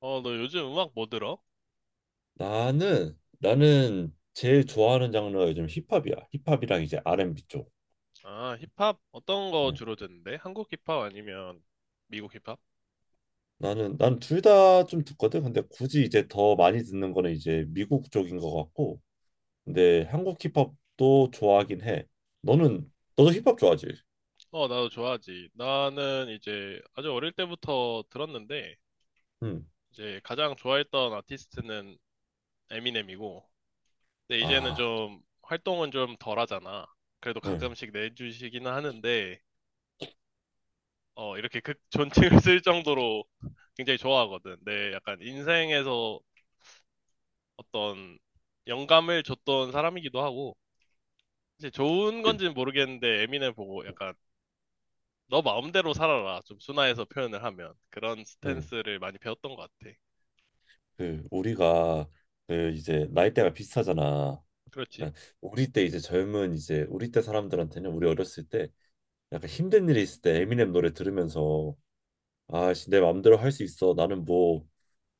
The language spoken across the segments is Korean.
어, 너 요즘 음악 뭐 들어? 나는 제일 좋아하는 장르가 요즘 힙합이야. 힙합이랑 이제 R&B 쪽. 아, 힙합? 어떤 거 응. 주로 듣는데? 한국 힙합 아니면 미국 힙합? 나는 난 둘 다 좀 듣거든. 근데 굳이 이제 더 많이 듣는 거는 이제 미국 쪽인 것 같고. 근데 한국 힙합도 좋아하긴 해. 너는 너도 힙합 좋아하지? 어, 나도 좋아하지. 나는 이제 아주 어릴 때부터 들었는데, 응. 이제 가장 좋아했던 아티스트는 에미넴이고, 근데 이제는 아, 좀 활동은 좀 덜 하잖아. 그래도 응, 가끔씩 내주시기는 하는데, 어, 이렇게 극 존칭을 쓸 정도로 굉장히 좋아하거든. 내 약간 인생에서 어떤 영감을 줬던 사람이기도 하고, 이제 좋은 그, 건지는 모르겠는데 에미넴 보고 약간 너 마음대로 살아라 좀 순화해서 표현을 하면 그런 응, 스탠스를 많이 배웠던 것 같아. 그 우리가 그 이제 나이대가 비슷하잖아. 그렇지, 그러니까 우리 때 이제 젊은 이제 우리 때 사람들한테는 우리 어렸을 때 약간 힘든 일이 있을 때 에미넴 노래 들으면서 아씨 내 마음대로 할 수 있어. 나는 뭐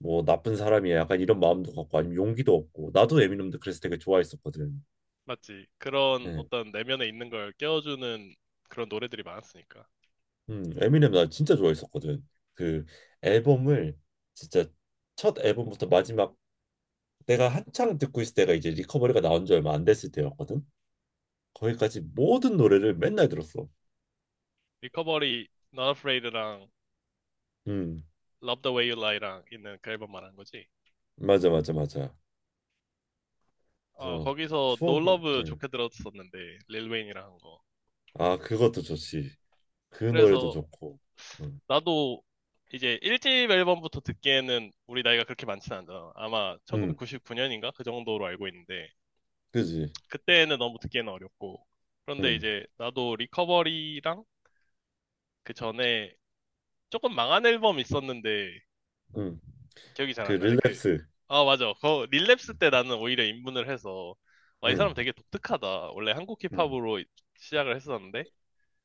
뭐 나쁜 사람이야, 약간 이런 마음도 갖고, 아니면 용기도 없고 나도, 에미넴도 그래서 되게 좋아했었거든. 맞지. 그런 네. 어떤 내면에 있는 걸 깨워주는 그런 노래들이 많았으니까. 에미넴 나 진짜 좋아했었거든. 그 앨범을 진짜 첫 앨범부터 마지막, 내가 한창 듣고 있을 때가 이제 리커버리가 나온 지 얼마 안 됐을 때였거든. 거기까지 모든 노래를 맨날 들었어. 리커버리, Not Afraid랑 음, Love the Way You Lie랑 있는 그 앨범 말한 거지. 맞아, 맞아, 맞아. 어, 그래서 거기서 No 추억이 Love 음. 좋게 들었었는데 릴 웨인이랑 한 거. 아, 그것도 좋지. 그 노래도 그래서 좋고. 음. 나도 이제 1집 앨범부터 듣기에는 우리 나이가 그렇게 많지는 않잖아. 아마 음, 1999년인가? 그 정도로 알고 있는데, 그지. 그때는 너무 듣기에는 어렵고. 그런데 음, 이제 나도 리커버리랑 그 전에 조금 망한 앨범 있었는데 음. 기억이 잘 그 안 나네. 그, 릴랩스. 아, 맞아. 그 릴랩스 때 나는 오히려 입문을 해서 와, 이 사람 응, 되게 독특하다. 원래 한국 응, 힙합으로 시작을 했었는데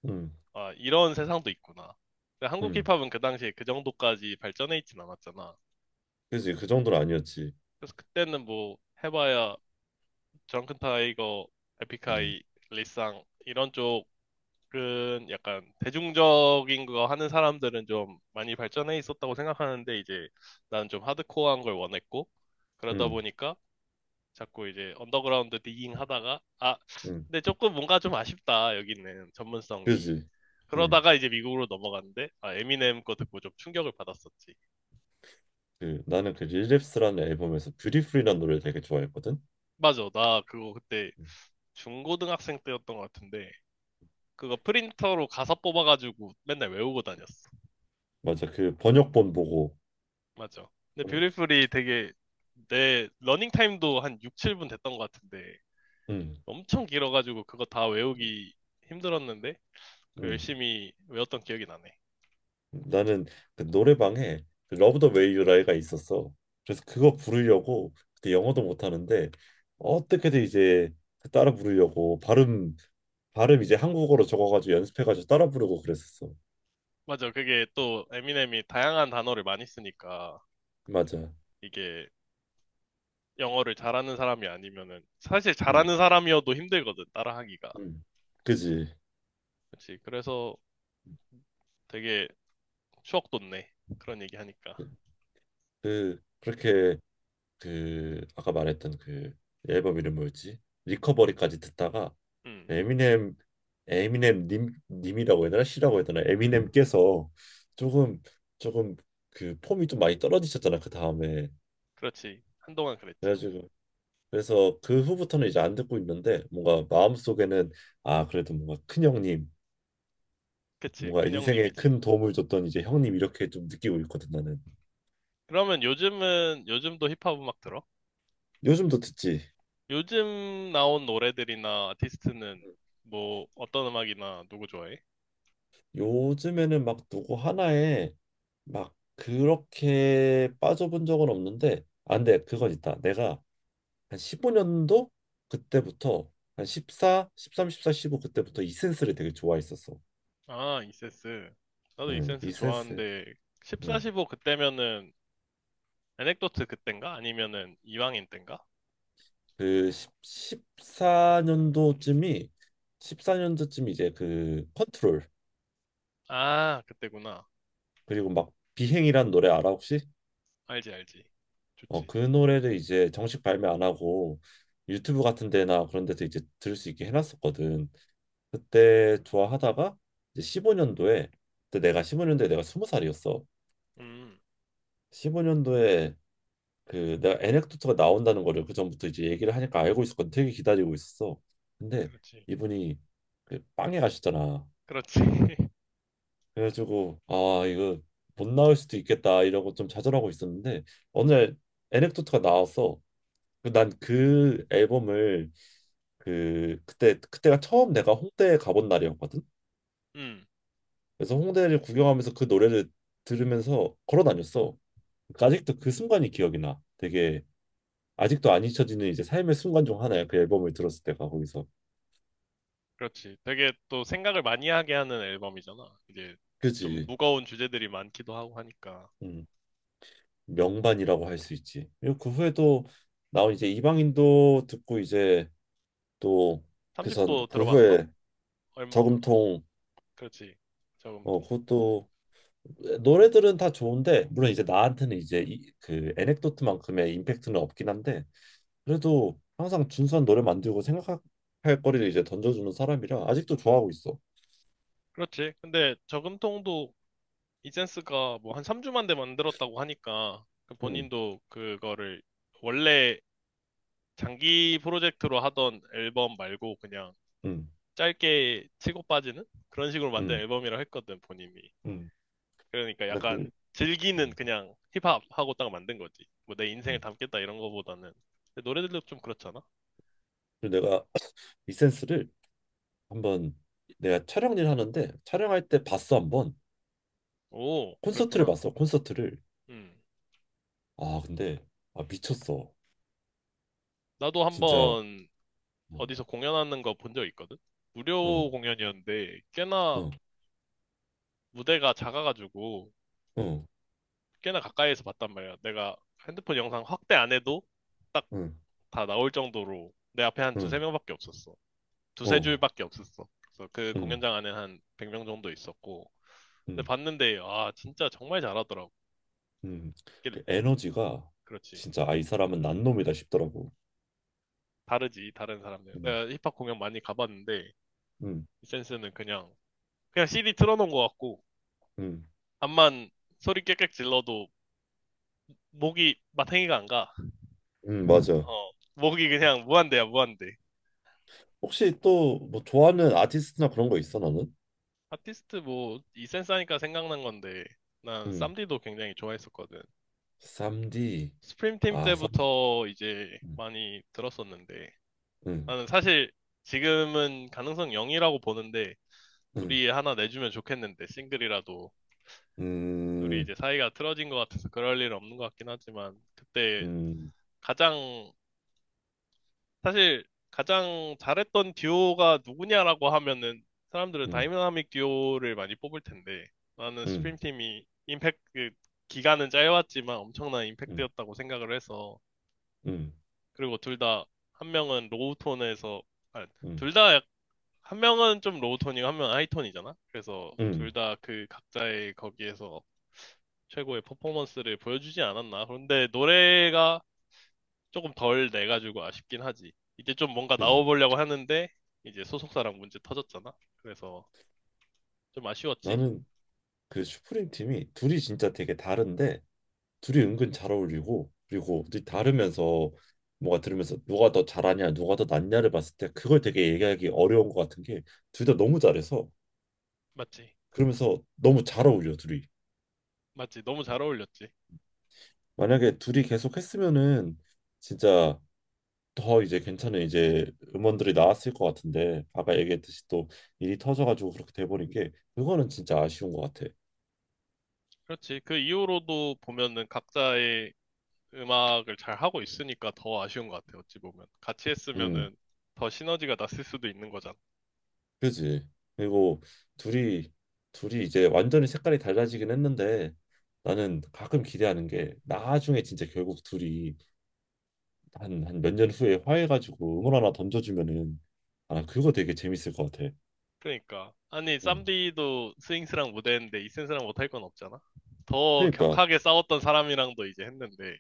응, 아, 이런 세상도 있구나. 근데 한국 응. 힙합은 그 당시에 그 정도까지 발전해 있진 않았잖아. 그지, 그 정도는 아니었지. 그래서 그때는 뭐 해봐야 드렁큰 타이거, 응, 에픽하이, 리쌍 이런 쪽 은 약간 대중적인 거 하는 사람들은 좀 많이 발전해 있었다고 생각하는데 이제 나는 좀 하드코어한 걸 원했고 그러다 응, 보니까 자꾸 이제 언더그라운드 디깅 하다가 아 응. 근데 조금 뭔가 좀 아쉽다 여기는 전문성이. 그지. 응. 그러다가 이제 미국으로 넘어갔는데 아 에미넴 거 듣고 좀 충격을 받았었지. 그, 나는 그 릴랩스라는 앨범에서 뷰티풀이라는 노래를 되게 좋아했거든. 맞아 나 그거 그때 응. 중고등학생 때였던 것 같은데 그거 프린터로 가사 뽑아가지고 맨날 외우고 다녔어. 맞아, 그 번역본 보고. 맞죠. 근데 응, 뷰티풀이 되게 내 러닝 타임도 한 6, 7분 됐던 것 같은데 응, 엄청 길어가지고 그거 다 외우기 힘들었는데 그 응. 열심히 외웠던 기억이 나네. 나는 그 노래방에 그 러브 더 웨이 유 라이가 있었어. 그래서 그거 부르려고 그때 영어도 못하는데, 어떻게든 이제 그 따라 부르려고 발음 이제 한국어로 적어가지고 연습해가지고 따라 부르고 그랬었어. 맞아. 그게 또 에미넴이 다양한 단어를 많이 쓰니까 맞아. 이게 영어를 잘하는 사람이 아니면은 사실 음, 잘하는 사람이어도 힘들거든 따라하기가. 음. 그지. 그렇지. 그래서 되게 추억 돋네. 그런 얘기 하니까. 그, 그렇게, 그 아까 말했던 그 앨범 이름 뭐였지? 리커버리까지 듣다가, 음. 에미넴 에미넴 님 님이라고 해야 되나? 씨라고 해야 되나? 에미넴께서 조금 조금 그 폼이 좀 많이 떨어지셨잖아 그 다음에. 그렇지. 한동안 그랬지. 그래가지고 그래서 그 후부터는 이제 안 듣고 있는데, 뭔가 마음속에는 아, 그래도 뭔가 큰 형님, 그치. 뭔가 인생에 큰형님이지. 큰 도움을 줬던 이제 형님, 이렇게 좀 느끼고 있거든, 나는. 그러면 요즘은 요즘도 힙합 음악 들어? 요즘도 듣지. 요즘 나온 노래들이나 아티스트는 뭐 어떤 음악이나 누구 좋아해? 요즘에는 막 누구 하나에 막 그렇게 빠져본 적은 없는데, 안 돼. 그건 있다. 내가 한 15년도, 그때부터, 한 14, 13, 14, 15 그때부터 이센스를 되게 좋아했었어. 아, 이센스. 나도 응, 이센스 이센스. 좋아하는데 14, 응. 15 그때면은 에넥도트 그땐가? 아니면은 이방인 땐가? 그 10, 4년도쯤이, 14년도쯤 이제 그 컨트롤, 아, 그때구나. 그리고 막 비행이란 노래 알아 혹시? 알지, 알지. 어, 좋지. 그 노래를 이제 정식 발매 안 하고 유튜브 같은 데나 그런 데서 이제 들을 수 있게 해놨었거든. 그때 좋아하다가 이제 15년도에, 그때 내가 15년도에 내가 20살이었어, 음, 15년도에. 그 내가 에넥도트가 나온다는 거를 그 전부터 이제 얘기를 하니까 알고 있었거든. 되게 기다리고 있었어. 근데 그렇지. 이분이 그 빵에 가셨잖아. 그렇지. 그래가지고 아, 이거 못 나올 수도 있겠다 이러고 좀 좌절하고 있었는데 어느 날 에넥도트가 나왔어. 난 그 앨범을, 그 그때가 처음 내가 홍대에 가본 날이었거든. 음, 그래서 홍대를 구경하면서 그 노래를 들으면서 걸어 다녔어. 그러니까 아직도 그 순간이 기억이 나. 되게, 아직도 안 잊혀지는 이제 삶의 순간 중 하나야, 그 앨범을 들었을 때가 거기서. 그렇지. 되게 또 생각을 많이 하게 하는 앨범이잖아. 이제 좀 그지? 무거운 주제들이 많기도 하고 하니까. 음, 명반이라고 할 수 있지. 그리고 그 후에 또 나온 이제 이방인도 듣고 이제 또, 그선 3집도 그 들어봤어? 후에 얼, 저금통. 그렇지. 어, 저금통. 그것도 노래들은 다 좋은데, 물론 이제 나한테는 이제 그 에넥도트만큼의 임팩트는 없긴 한데, 그래도 항상 준수한 노래 만들고 생각할 거리를 이제 던져주는 사람이라 아직도 좋아하고 있어. 그렇지. 근데 저금통도 이센스가 뭐 한 3주 만에 만들었다고 하니까 그 음, 본인도 그거를 원래 장기 프로젝트로 하던 앨범 말고 그냥 음, 짧게 치고 빠지는 그런 식으로 만든 음, 앨범이라 했거든, 본인이. 음. 그러니까 나 약간 그, 즐기는 음, 그냥 힙합하고 딱 만든 거지. 뭐 내 인생을 음. 담겠다 이런 거보다는. 근데 노래들도 좀 그렇잖아. 그리고 내가 이센스를 한번, 내가 촬영 일 하는데 촬영할 때 봤어, 한번. 오, 콘서트를 그랬구나. 봤어, 콘서트를. 음. 아 근데, 아, 미쳤어 나도 진짜. 한번 어, 어디서 공연하는 거 본 적 있거든? 어, 무료 공연이었는데 꽤나 어, 무대가 작아가지고 어, 꽤나 가까이에서 봤단 말이야. 내가 핸드폰 영상 확대 안 해도 딱 응, 다 나올 정도로 내 앞에 한 두세 응, 명밖에 없었어. 두세 어, 줄밖에 없었어. 그래서 그 응, 공연장 안에 한 100명 정도 있었고. 근데 응, 봤는데, 아, 진짜 정말 잘하더라고. 응. 이게 그 에너지가 그렇지. 진짜, 아, 이 사람은 난놈이다 싶더라고. 다르지, 다른 사람들. 응, 내가 힙합 공연 많이 가봤는데, 응, 이 센스는 그냥, 그냥 CD 틀어놓은 것 같고, 응. 암만 소리 깨끗 질러도 목이 마탱이가 안 가. 맞아. 어, 목이 그냥 무한대야, 무한대. 혹시 또 뭐 좋아하는 아티스트나 그런 거 있어, 너는? 아티스트 뭐 이센스 하니까 생각난 건데 난 음, 쌈디도 굉장히 좋아했었거든. 3디. 스프림팀 아, 3디. 때부터 이제 음, 많이 들었었는데 음, 나는 사실 지금은 가능성 0이라고 보는데 음, 둘이 하나 내주면 좋겠는데 싱글이라도 둘이 음, 이제 사이가 틀어진 것 같아서 그럴 일 없는 것 같긴 하지만 그때 음, 가장 사실 가장 잘했던 듀오가 누구냐라고 하면은 사람들은 음, 다이나믹 듀오를 많이 뽑을 텐데 나는 음, 스프림팀이 임팩트 그 기간은 짧았지만 엄청난 음, 임팩트였다고 생각을 해서 음, 그리고 둘 다 한 명은 로우 톤에서 아, 음, 둘 다 한 명은 좀 로우 톤이고 한 명은 하이 톤이잖아. 그래서 음. 둘 다 그 각자의 거기에서 최고의 퍼포먼스를 보여주지 않았나. 그런데 노래가 조금 덜 내가지고 아쉽긴 하지. 이제 좀 뭔가 그지. 나와보려고 하는데 이제 소속사랑 문제 터졌잖아. 그래서 좀 아쉬웠지. 나는 그 슈프림 팀이 둘이 진짜 되게 다른데, 둘이 은근 잘 어울리고, 그리고 둘이 다르면서, 뭐가 들으면서 누가 더 잘하냐 누가 더 낫냐를 봤을 때, 그걸 되게 얘기하기 어려운 것 같은 게 둘 다 너무 잘해서. 맞지? 그러면서 너무 잘 어울려 둘이. 맞지? 너무 잘 어울렸지. 만약에 둘이 계속 했으면은 진짜 더 이제 괜찮은 이제 음원들이 나왔을 것 같은데, 아까 얘기했듯이 또 일이 터져가지고 그렇게 돼버린 게, 그거는 진짜 아쉬운 것 같아. 그렇지. 그 이후로도 보면은 각자의 음악을 잘 하고 있으니까 더 아쉬운 것 같아. 어찌 보면 같이 음, 했으면은 더 시너지가 났을 수도 있는 거잖아. 그지. 그리고 둘이 이제 완전히 색깔이 달라지긴 했는데, 나는 가끔 기대하는 게, 나중에 진짜 결국 둘이 한 한 몇 년 후에 화해가지고 음원 하나 던져주면은 아 그거 되게 재밌을 것 같아. 그러니까 아니 음, 쌈디도 스윙스랑 무대했는데 이센스랑 못 할 건 없잖아. 더 그러니까. 격하게 싸웠던 사람이랑도 이제 했는데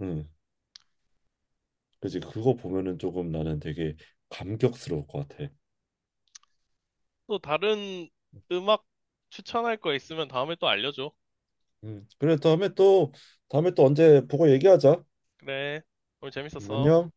음. 그지, 그거 보면은 조금 나는 되게 감격스러울 것 같아. 또 다른 음악 추천할 거 있으면 다음에 또 알려줘. 음. 그래, 다음에 또 언제 보고 얘기하자. 그래. 오늘 재밌었어. 안녕.